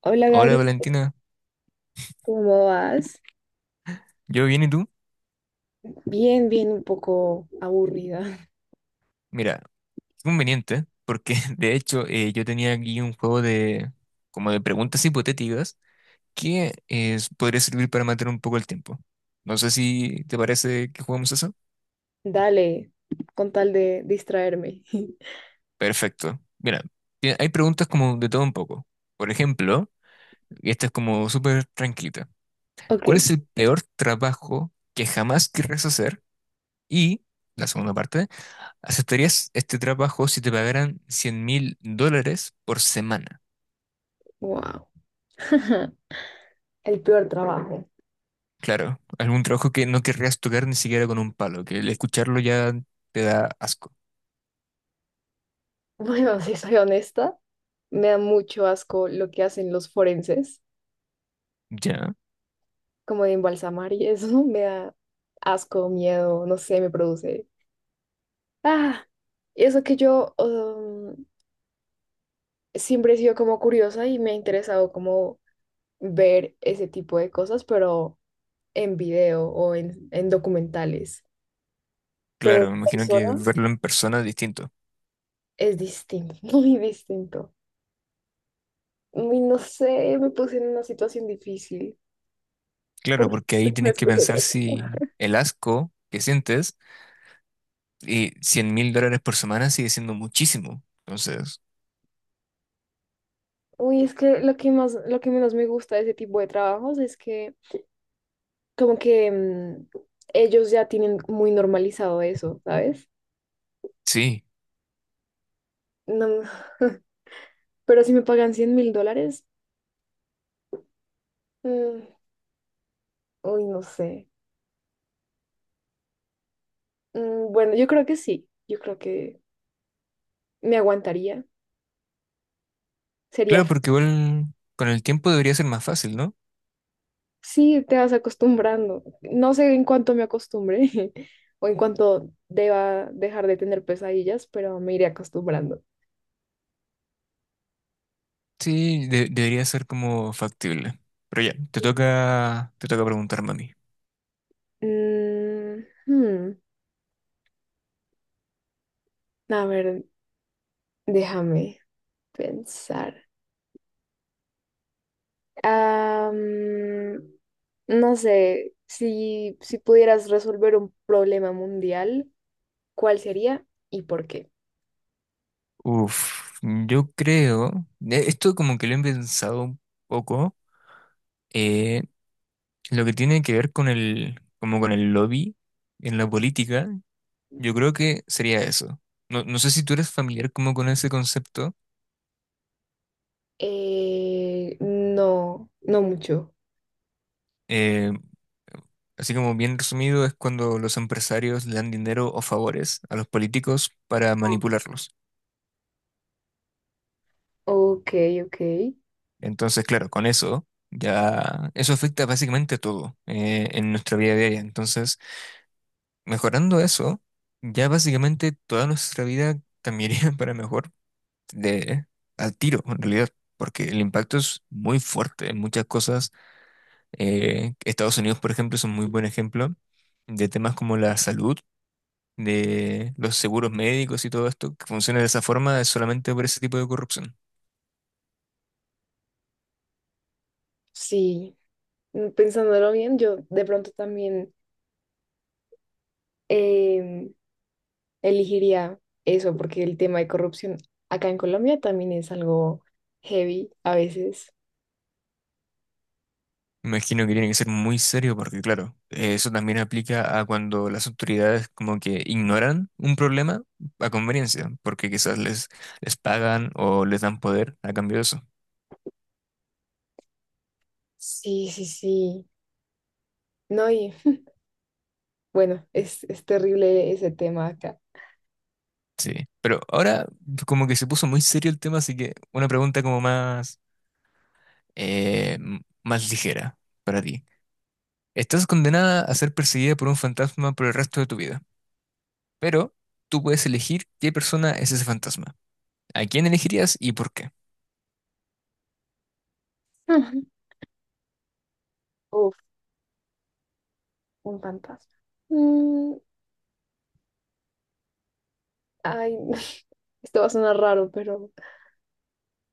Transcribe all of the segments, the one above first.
Hola Hola Gabriel, Valentina, ¿cómo vas? ¿yo bien y tú? Bien, bien, un poco aburrida. Mira, qué conveniente, porque de hecho yo tenía aquí un juego de como de preguntas hipotéticas que podría servir para matar un poco el tiempo. No sé si te parece que juguemos eso. Dale, con tal de distraerme. Perfecto. Mira, hay preguntas como de todo un poco. Por ejemplo, y esta es como súper tranquilita. Ok, ¿Cuál es el peor trabajo que jamás querrás hacer? Y la segunda parte, ¿aceptarías este trabajo si te pagaran 100 mil dólares por semana? wow. El peor trabajo. Claro, algún trabajo que no querrías tocar ni siquiera con un palo, que el escucharlo ya te da asco. Bueno, si soy honesta, me da mucho asco lo que hacen los forenses, Ya, como de embalsamar y eso, me da asco, miedo, no sé, me produce. Ah, y eso que yo siempre he sido como curiosa y me ha interesado como ver ese tipo de cosas, pero en video o en documentales, pero en claro, me imagino que persona verlo en persona es distinto. es distinto, muy distinto. Uy, no sé, me puse en una situación difícil Claro, porque porque ahí no tienes que escogí otra pensar cosa. si el asco que sientes y $100.000 por semana sigue siendo muchísimo. Entonces, Uy, es que lo que más, lo que menos me gusta de ese tipo de trabajos es que como que ellos ya tienen muy normalizado eso, ¿sabes? sí, No, pero si me pagan 100.000 dólares, mm, uy, no sé. Bueno, yo creo que sí, yo creo que me aguantaría, sería. claro, porque igual con el tiempo debería ser más fácil, ¿no? Sí, te vas acostumbrando. No sé en cuánto me acostumbre o en cuánto deba dejar de tener pesadillas, pero me iré acostumbrando. Sí, debería ser como factible. Pero ya, te toca preguntarme a mí. Mm, hmm, A ver, déjame pensar. Ah, no sé, si pudieras resolver un problema mundial, ¿cuál sería y por qué? Uf, yo creo, esto como que lo he pensado un poco, eh, lo que tiene que ver con el, como con el lobby en la política, yo creo que sería eso. No, no sé si tú eres familiar como con ese concepto, No, no mucho. eh, así como bien resumido es cuando los empresarios le dan dinero o favores a los políticos para manipularlos. Ok, ok. Entonces, claro, con eso ya, eso afecta básicamente a todo, en nuestra vida diaria. Entonces, mejorando eso, ya básicamente toda nuestra vida cambiaría para mejor de al tiro, en realidad, porque el impacto es muy fuerte en muchas cosas. Estados Unidos, por ejemplo, es un muy buen ejemplo de temas como la salud, de los seguros médicos y todo esto, que funciona de esa forma es solamente por ese tipo de corrupción. Sí. mm, pensándolo bien, yo de pronto también em, elegiría eso, porque el tema de corrupción acá en Colombia también es algo heavy a veces. Me imagino que tiene que ser muy serio porque, claro, eso también aplica a cuando las autoridades como que ignoran un problema a conveniencia, porque quizás les, les pagan o les dan poder a cambio de eso. Sí, sí, sí. No, y bueno, es terrible ese tema acá. Sí, pero ahora como que se puso muy serio el tema, así que una pregunta como más, más ligera para ti. Estás condenada a ser perseguida por un fantasma por el resto de tu vida, pero tú puedes elegir qué persona es ese fantasma. ¿A quién elegirías y por qué? Ujú. Uf, un fantasma. Mm, ay, esto va a sonar raro, pero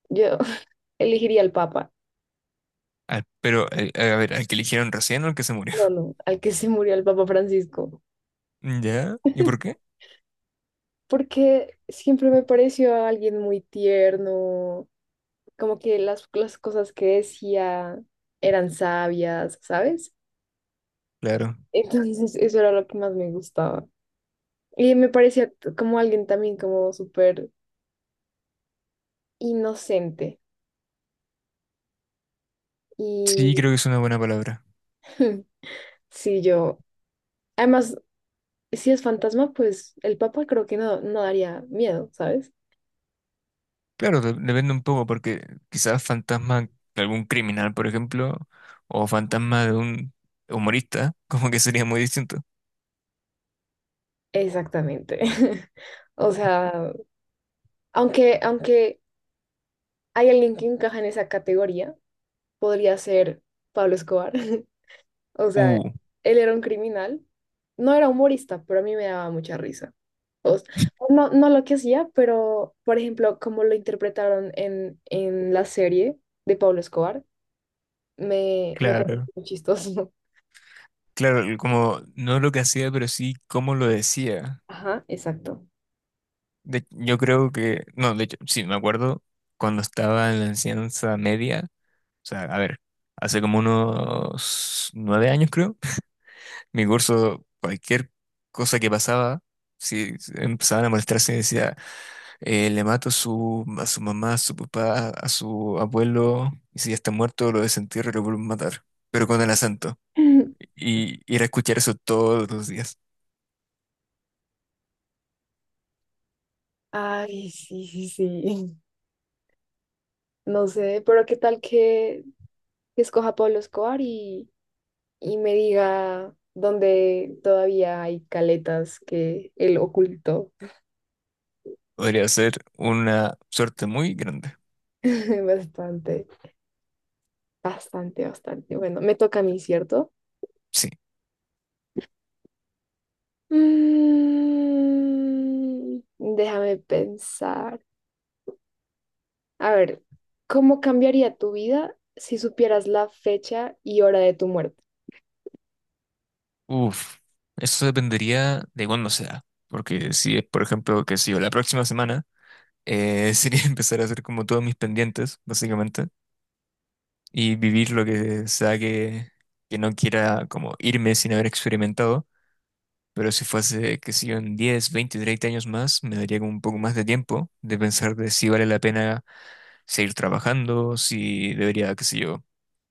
yo elegiría al Papa. Ah, pero, a ver, ¿al que eligieron recién o al que se murió? No, no, al que se murió, el Papa Francisco. ¿Ya? ¿Y por qué? Porque siempre me pareció alguien muy tierno, como que las cosas que decía eran sabias, ¿sabes? Claro. Entonces eso era lo que más me gustaba. Y me parecía como alguien también como súper inocente. Y Sí, creo que es una buena palabra. sí, yo, además, si es fantasma, pues el papá creo que no, no daría miedo, ¿sabes? Claro, depende un poco, porque quizás fantasma de algún criminal, por ejemplo, o fantasma de un humorista, como que sería muy distinto. Exactamente. O sea, aunque hay alguien que encaja en esa categoría, podría ser Pablo Escobar. O sea, Uh, él era un criminal. No era humorista, pero a mí me daba mucha risa. O s- no, no lo que hacía, pero, por ejemplo, como lo interpretaron en la serie de Pablo Escobar, me parece claro. muy chistoso. Claro, como no lo que hacía, pero sí cómo lo decía. Ajá, exacto. Yo creo que, no, de hecho, sí, me acuerdo cuando estaba en la enseñanza media, o sea, a ver, hace como unos 9 años, creo. Mi curso, cualquier cosa que pasaba, si empezaban a molestarse, decía, le mato a su mamá, a su papá, a su abuelo, y si ya está muerto, lo desentierro y lo vuelvo a matar, pero con el acento. Y ir a escuchar eso todos los días. Ay, sí, sí, sí. No sé, pero qué tal que escoja Pablo Escobar y me diga dónde todavía hay caletas que él ocultó. Podría ser una suerte muy grande. Bastante. Bastante, bastante. Bueno, me toca a mí, ¿cierto? Sí. Déjame pensar. A ver, ¿cómo cambiaría tu vida si supieras la fecha y hora de tu muerte? Uf, eso dependería de cuándo sea. Porque si es, por ejemplo, que si yo, la próxima semana, sería empezar a hacer como todos mis pendientes, básicamente, y vivir lo que sea que no quiera como irme sin haber experimentado. Pero si fuese, que si yo, en 10, 20, 30 años más, me daría como un poco más de tiempo de pensar de si vale la pena seguir trabajando, si debería, qué sé yo,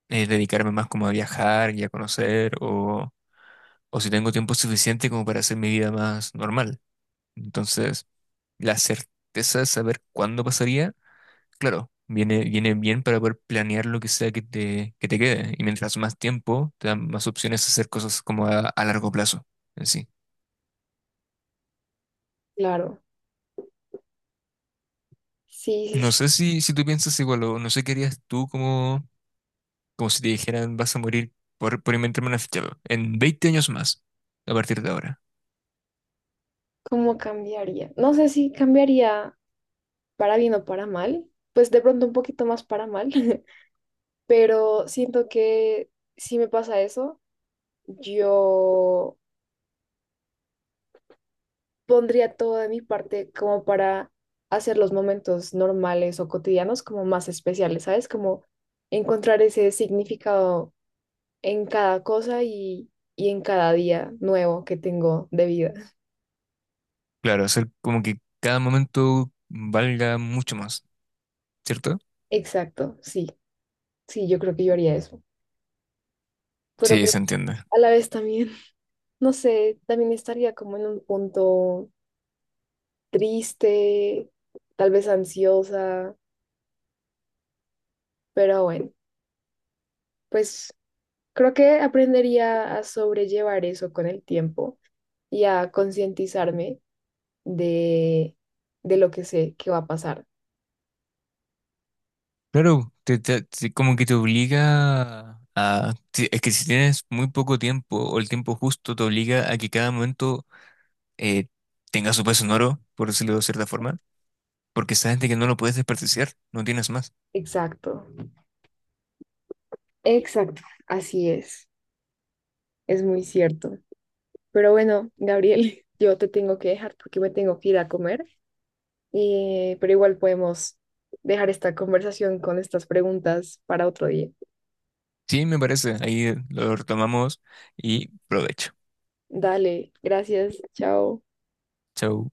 dedicarme más como a viajar y a conocer, o si tengo tiempo suficiente como para hacer mi vida más normal. Entonces, la certeza de saber cuándo pasaría, claro, viene, viene bien para poder planear lo que sea que te quede. Y mientras más tiempo, te dan más opciones a hacer cosas como a largo plazo en sí. Claro. Sí, sí, No sí. sé si, si tú piensas igual o no sé qué harías tú como, como si te dijeran vas a morir por inventarme una ficha web en 20 años más a partir de ahora. ¿Cómo cambiaría? No sé si cambiaría para bien o para mal. Pues de pronto un poquito más para mal. Pero siento que si me pasa eso, yo pondría todo de mi parte como para hacer los momentos normales o cotidianos como más especiales, ¿sabes? Como encontrar ese significado en cada cosa y en cada día nuevo que tengo de vida. Claro, hacer como que cada momento valga mucho más, ¿cierto? Exacto, sí, sí, yo creo que yo haría eso. Pero Sí, pues, se entiende. a la vez también, no sé, también estaría como en un punto triste, tal vez ansiosa, pero bueno, pues creo que aprendería a sobrellevar eso con el tiempo y a concientizarme de, de lo que sé que va a pasar. Claro, te, como que te obliga a... Es que si tienes muy poco tiempo o el tiempo justo, te obliga a que cada momento eh, tenga su peso sonoro, por decirlo de cierta forma, porque sabes de que no lo puedes desperdiciar, no tienes más. Exacto, exacto, así es muy cierto. Pero bueno, Gabriel, yo te tengo que dejar porque me tengo que ir a comer, pero igual podemos dejar esta conversación con estas preguntas para otro día. Sí, me parece, ahí lo retomamos y provecho. Dale, gracias, chao. Chau.